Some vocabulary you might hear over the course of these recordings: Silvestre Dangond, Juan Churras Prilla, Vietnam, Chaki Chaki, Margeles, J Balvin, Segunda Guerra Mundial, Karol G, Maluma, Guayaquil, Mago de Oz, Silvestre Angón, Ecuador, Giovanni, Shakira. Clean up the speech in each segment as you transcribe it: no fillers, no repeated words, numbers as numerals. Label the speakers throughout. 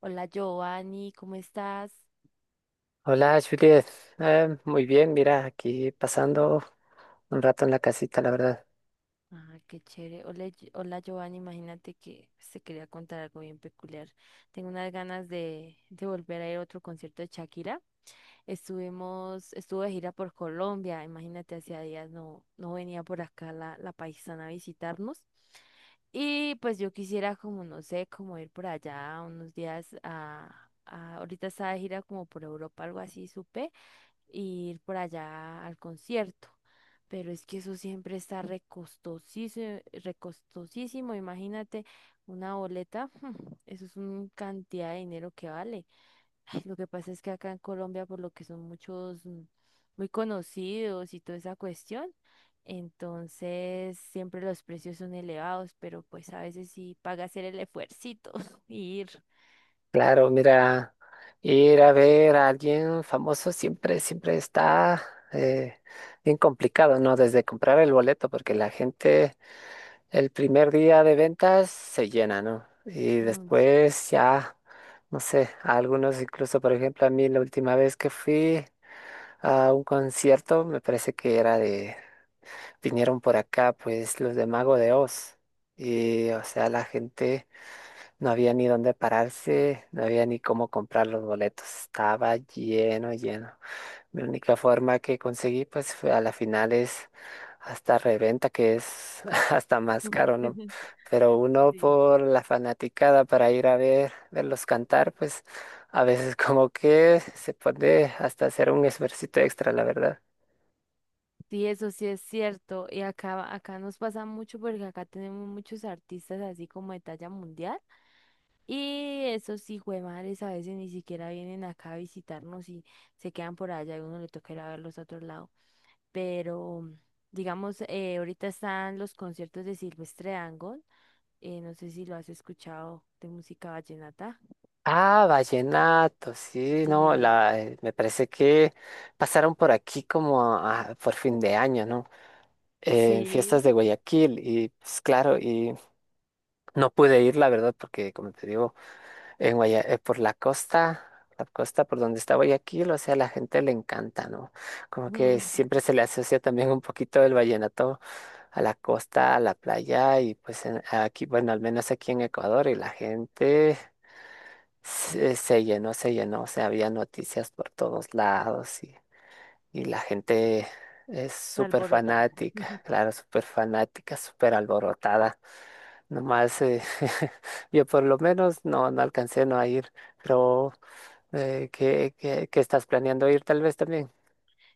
Speaker 1: Hola, Giovanni, ¿cómo estás?
Speaker 2: Hola, Juliet. Muy bien, mira, aquí pasando un rato en la casita, la verdad.
Speaker 1: Ah, qué chévere. Hola, hola, Giovanni, imagínate que se quería contar algo bien peculiar. Tengo unas ganas de volver a ir a otro concierto de Shakira. Estuve de gira por Colombia, imagínate, hacía días no venía por acá la paisana a visitarnos. Y pues yo quisiera como, no sé, como ir por allá unos días ahorita está de gira como por Europa, algo así, supe. Ir por allá al concierto. Pero es que eso siempre está recostosísimo, recostosísimo. Imagínate una boleta, eso es una cantidad de dinero que vale. Ay, lo que pasa es que acá en Colombia, por lo que son muchos muy conocidos y toda esa cuestión, entonces siempre los precios son elevados, pero pues a veces sí paga hacer el esfuercito y ir.
Speaker 2: Claro, mira, ir a ver a alguien famoso siempre está eh, bien complicado, ¿no? Desde comprar el boleto, porque la gente el primer día de ventas se llena, ¿no? Y
Speaker 1: Mm, sí.
Speaker 2: después ya, no sé, a algunos incluso, por ejemplo, a mí la última vez que fui a un concierto, me parece que era de vinieron por acá, pues los de Mago de Oz. Y, o sea, la gente no había ni dónde pararse, no había ni cómo comprar los boletos. Estaba lleno, lleno. Mi única forma que conseguí, pues, fue a la final es hasta reventa, que es hasta más caro, ¿no? Pero uno por la fanaticada para ir a ver, verlos cantar, pues, a veces como que se puede hasta hacer un esfuercito extra, la verdad.
Speaker 1: Sí, eso sí es cierto. Y acá nos pasa mucho porque acá tenemos muchos artistas así como de talla mundial. Y esos hijuemadres a veces ni siquiera vienen acá a visitarnos y se quedan por allá y uno le toca ir a verlos a otro lado. Pero, digamos, ahorita están los conciertos de Silvestre Dangond. No sé si lo has escuchado de música vallenata.
Speaker 2: Ah, vallenato, sí, no,
Speaker 1: Mm.
Speaker 2: la, me parece que pasaron por aquí como por fin de año, ¿no? En fiestas de
Speaker 1: Sí.
Speaker 2: Guayaquil y pues claro, y no pude ir, la verdad, porque como te digo, en por la costa por donde está Guayaquil, o sea, a la gente le encanta, ¿no? Como que
Speaker 1: Mm.
Speaker 2: siempre se le asocia también un poquito el vallenato a la costa, a la playa y pues aquí, bueno, al menos aquí en Ecuador y la gente se llenó, se llenó, o sea, había noticias por todos lados y la gente es súper
Speaker 1: Alborota.
Speaker 2: fanática, claro, súper fanática, súper alborotada. Nomás yo por lo menos no alcancé no a ir, pero ¿qué, qué estás planeando ir tal vez también?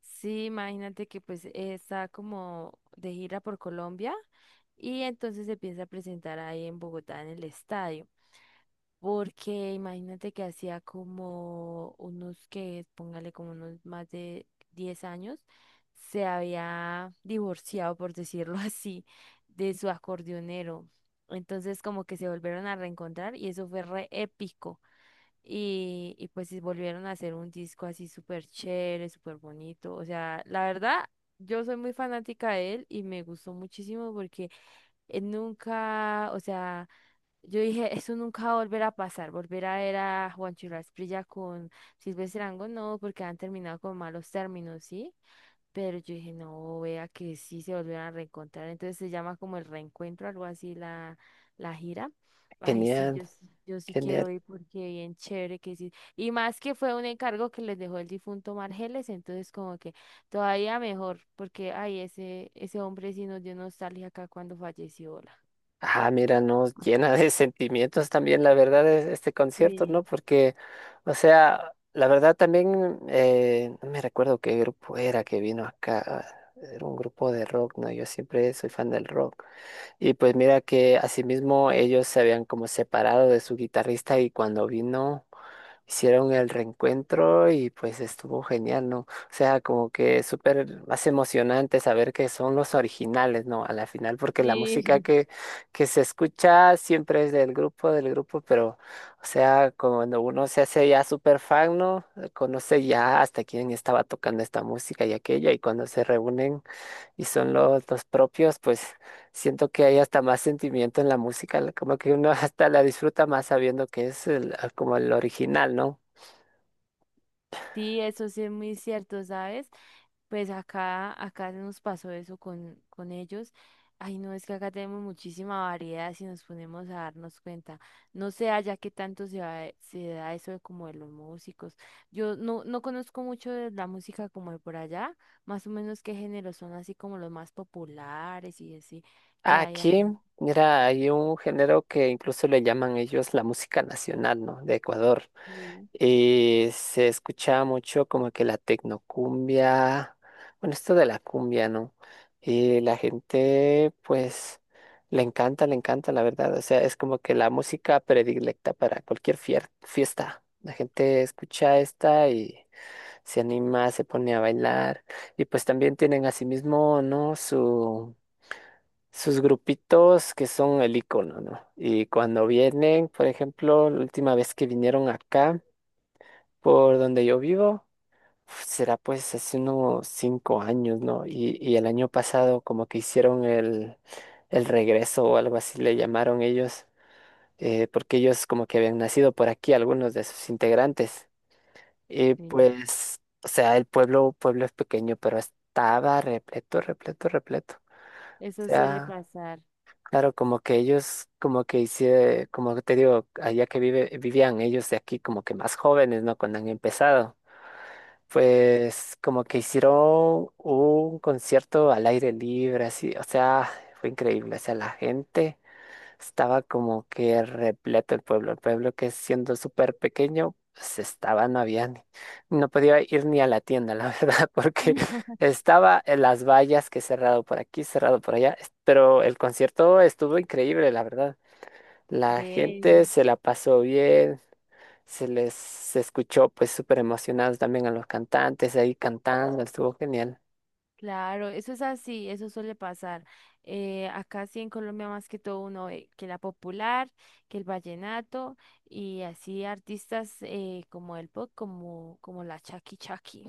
Speaker 1: Sí, imagínate que pues está como de gira por Colombia y entonces se piensa presentar ahí en Bogotá en el estadio, porque imagínate que hacía como unos que, póngale como unos más de 10 años, se había divorciado, por decirlo así, de su acordeonero. Entonces como que se volvieron a reencontrar y eso fue re épico. Y pues sí volvieron a hacer un disco así súper chévere, súper bonito. O sea, la verdad, yo soy muy fanática de él y me gustó muchísimo porque él nunca, o sea, yo dije, eso nunca va a volver a pasar, volver a ver a Juan Churras Prilla con Silvestre Angón, no, porque han terminado con malos términos, ¿sí? Pero yo dije, no, vea que sí se volvieron a reencontrar. Entonces se llama como el reencuentro, algo así, la gira. Ay, sí,
Speaker 2: Genial,
Speaker 1: yo sí
Speaker 2: genial.
Speaker 1: quiero ir porque bien chévere que sí. Y más que fue un encargo que les dejó el difunto Margeles, entonces como que todavía mejor, porque ay, ese hombre sí nos dio nostalgia acá cuando falleció. Hola.
Speaker 2: Ah, mira, no, llena de sentimientos también, la verdad, es este concierto, ¿no?
Speaker 1: Sí,
Speaker 2: Porque, o sea, la verdad también, no me recuerdo qué grupo era que vino acá, era un grupo de rock, ¿no? Yo siempre soy fan del rock. Y pues mira que asimismo ellos se habían como separado de su guitarrista y cuando vino hicieron el reencuentro y pues estuvo genial, ¿no? O sea, como que súper más emocionante saber que son los originales, ¿no? A la final, porque la
Speaker 1: sí.
Speaker 2: música que se escucha siempre es del grupo, pero, o sea, cuando uno se hace ya súper fan, ¿no? Conoce ya hasta quién estaba tocando esta música y aquella y cuando se reúnen y son los propios, pues siento que hay hasta más sentimiento en la música, como que uno hasta la disfruta más sabiendo que es como el original, ¿no?
Speaker 1: Sí, eso sí es muy cierto, ¿sabes? Pues acá nos pasó eso con ellos. Ay, no, es que acá tenemos muchísima variedad si nos ponemos a darnos cuenta. No sé allá qué tanto se da eso de como de los músicos. Yo no conozco mucho de la música como de por allá, más o menos qué géneros son así como los más populares y así que hay
Speaker 2: Aquí,
Speaker 1: acá.
Speaker 2: mira, hay un género que incluso le llaman ellos la música nacional, ¿no? De Ecuador.
Speaker 1: Sí,
Speaker 2: Y se escuchaba mucho como que la tecnocumbia, bueno, esto de la cumbia, ¿no? Y la gente, pues, le encanta, la verdad. O sea, es como que la música predilecta para cualquier fiesta. La gente escucha esta y se anima, se pone a bailar. Y pues también tienen asimismo, ¿no? Su, sus grupitos que son el icono, ¿no? Y cuando vienen, por ejemplo, la última vez que vinieron acá, por donde yo vivo, uf, será pues hace unos 5 años, ¿no? Y el año pasado como que hicieron el regreso o algo así le llamaron ellos, porque ellos como que habían nacido por aquí, algunos de sus integrantes. Y
Speaker 1: sí.
Speaker 2: pues, o sea, el pueblo, pueblo es pequeño, pero estaba repleto, repleto, repleto. O
Speaker 1: Eso suele
Speaker 2: sea,
Speaker 1: pasar.
Speaker 2: claro, como que ellos, como que hicieron, como te digo, allá que vivían ellos de aquí como que más jóvenes, ¿no? Cuando han empezado. Pues como que hicieron un concierto al aire libre, así, o sea, fue increíble, o sea, la gente estaba como que repleto el pueblo que siendo súper pequeño, pues estaba, no había, no podía ir ni a la tienda, la verdad, porque estaba en las vallas que cerrado por aquí, cerrado por allá, pero el concierto estuvo increíble, la verdad, la
Speaker 1: Ve.
Speaker 2: gente se la pasó bien, se les se escuchó pues súper emocionados también a los cantantes ahí cantando, estuvo genial.
Speaker 1: Claro, eso es así, eso suele pasar. Acá sí en Colombia más que todo uno ve que la popular, que el vallenato y así artistas como el pop, como la Chaki Chaki,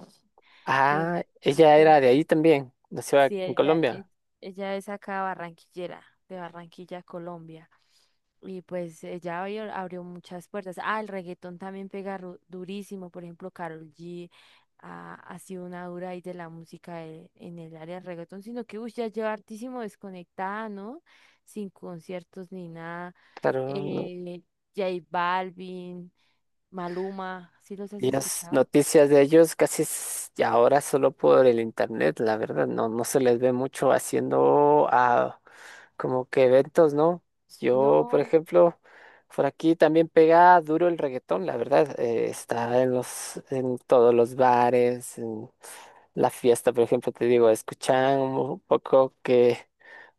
Speaker 1: que,
Speaker 2: Ah, ella
Speaker 1: que
Speaker 2: era de ahí también, nació
Speaker 1: sí,
Speaker 2: en Colombia.
Speaker 1: ella es acá barranquillera, de Barranquilla, Colombia. Y pues ella abrió muchas puertas. Ah, el reggaetón también pega durísimo. Por ejemplo, Karol G ha sido una dura ahí de la música en el área del reggaetón, sino que uy, ya lleva hartísimo desconectada, ¿no? Sin conciertos ni nada.
Speaker 2: Claro, no,
Speaker 1: Eh, J Balvin, Maluma, ¿sí los has
Speaker 2: Ellos
Speaker 1: escuchado?
Speaker 2: noticias de ellos casi ya ahora solo por el internet, la verdad, no, no se les ve mucho haciendo ah, como que eventos, ¿no? Yo, por
Speaker 1: No.
Speaker 2: ejemplo, por aquí también pega duro el reggaetón, la verdad, está en los, en todos los bares, en la fiesta, por ejemplo, te digo, escuchan un poco que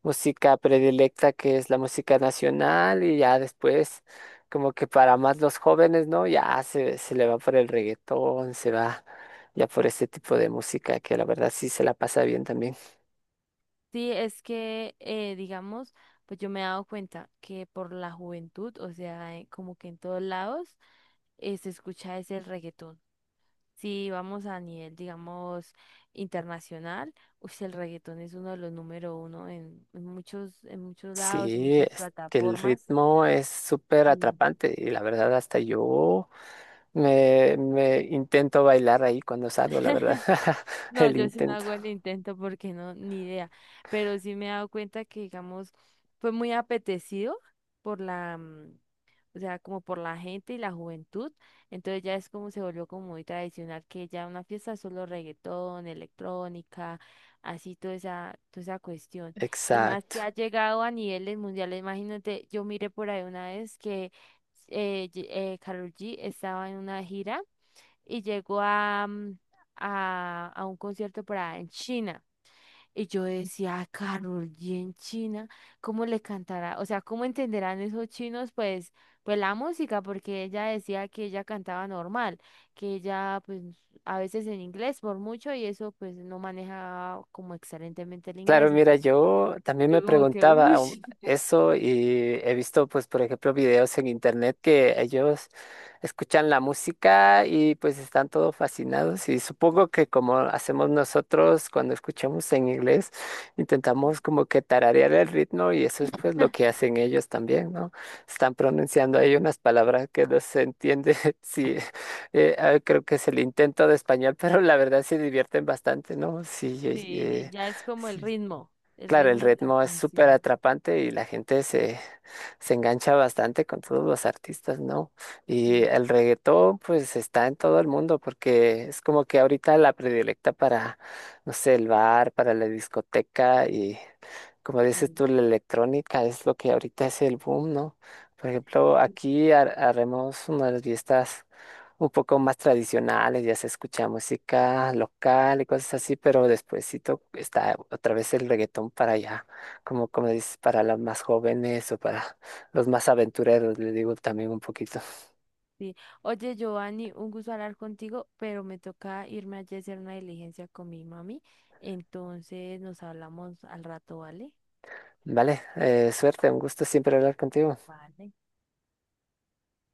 Speaker 2: música predilecta que es la música nacional y ya después como que para más los jóvenes, ¿no? Ya se le va por el reggaetón, se va ya por este tipo de música que la verdad sí se la pasa bien también.
Speaker 1: Sí, es que, digamos, pues yo me he dado cuenta que por la juventud, o sea, como que en todos lados se escucha ese reggaetón. Si vamos a nivel, digamos, internacional, uy, el reggaetón es uno de los número uno en muchos lados, en
Speaker 2: Sí,
Speaker 1: muchas
Speaker 2: es que el
Speaker 1: plataformas.
Speaker 2: ritmo es súper
Speaker 1: Mm.
Speaker 2: atrapante y la verdad hasta yo me intento bailar ahí cuando salgo, la verdad,
Speaker 1: No,
Speaker 2: el
Speaker 1: yo sí no
Speaker 2: intento.
Speaker 1: hago el intento porque no, ni idea. Pero sí me he dado cuenta que, digamos, fue muy apetecido por o sea, como por la gente y la juventud. Entonces ya es como se volvió como muy tradicional que ya una fiesta es solo reggaetón, electrónica, así toda esa cuestión. Y más que ha
Speaker 2: Exacto.
Speaker 1: llegado a niveles mundiales, imagínate, yo miré por ahí una vez que eh, Ye- Karol G estaba en una gira y llegó a un concierto para en China. Y yo decía: "Ah, Carol G en China, ¿cómo le cantará? O sea, ¿cómo entenderán esos chinos? Pues, pues la música", porque ella decía que ella cantaba normal, que ella, pues, a veces en inglés por mucho, y eso, pues, no maneja como excelentemente el
Speaker 2: Claro,
Speaker 1: inglés.
Speaker 2: mira,
Speaker 1: Entonces,
Speaker 2: yo también me
Speaker 1: yo como que,
Speaker 2: preguntaba
Speaker 1: uy,
Speaker 2: eso y he visto, pues, por ejemplo, videos en internet que ellos escuchan la música y pues están todo fascinados y supongo que como hacemos nosotros cuando escuchamos en inglés, intentamos como que tararear el ritmo y eso es pues lo que hacen ellos también, ¿no? Están pronunciando ahí unas palabras que no se entiende, sí, creo que es el intento de español, pero la verdad se divierten bastante, ¿no? Sí,
Speaker 1: sí, ya es como
Speaker 2: sí.
Speaker 1: el
Speaker 2: Claro, el
Speaker 1: ritmo de la
Speaker 2: ritmo es súper
Speaker 1: canción.
Speaker 2: atrapante y la gente se engancha bastante con todos los artistas, ¿no? Y
Speaker 1: Sí,
Speaker 2: el reggaetón, pues está en todo el mundo porque es como que ahorita la predilecta para, no sé, el bar, para la discoteca y, como dices
Speaker 1: sí.
Speaker 2: tú, la electrónica es lo que ahorita es el boom, ¿no? Por ejemplo,
Speaker 1: Sí.
Speaker 2: aquí haremos unas fiestas un poco más tradicionales, ya se escucha música local y cosas así, pero despuesito está otra vez el reggaetón para allá, como, como dices, para los más jóvenes o para los más aventureros, le digo también un poquito.
Speaker 1: Sí. Oye, Giovanni, un gusto hablar contigo, pero me toca irme allí a hacer una diligencia con mi mami. Entonces nos hablamos al rato, ¿vale?
Speaker 2: Vale, suerte, un gusto siempre hablar contigo.
Speaker 1: Vale.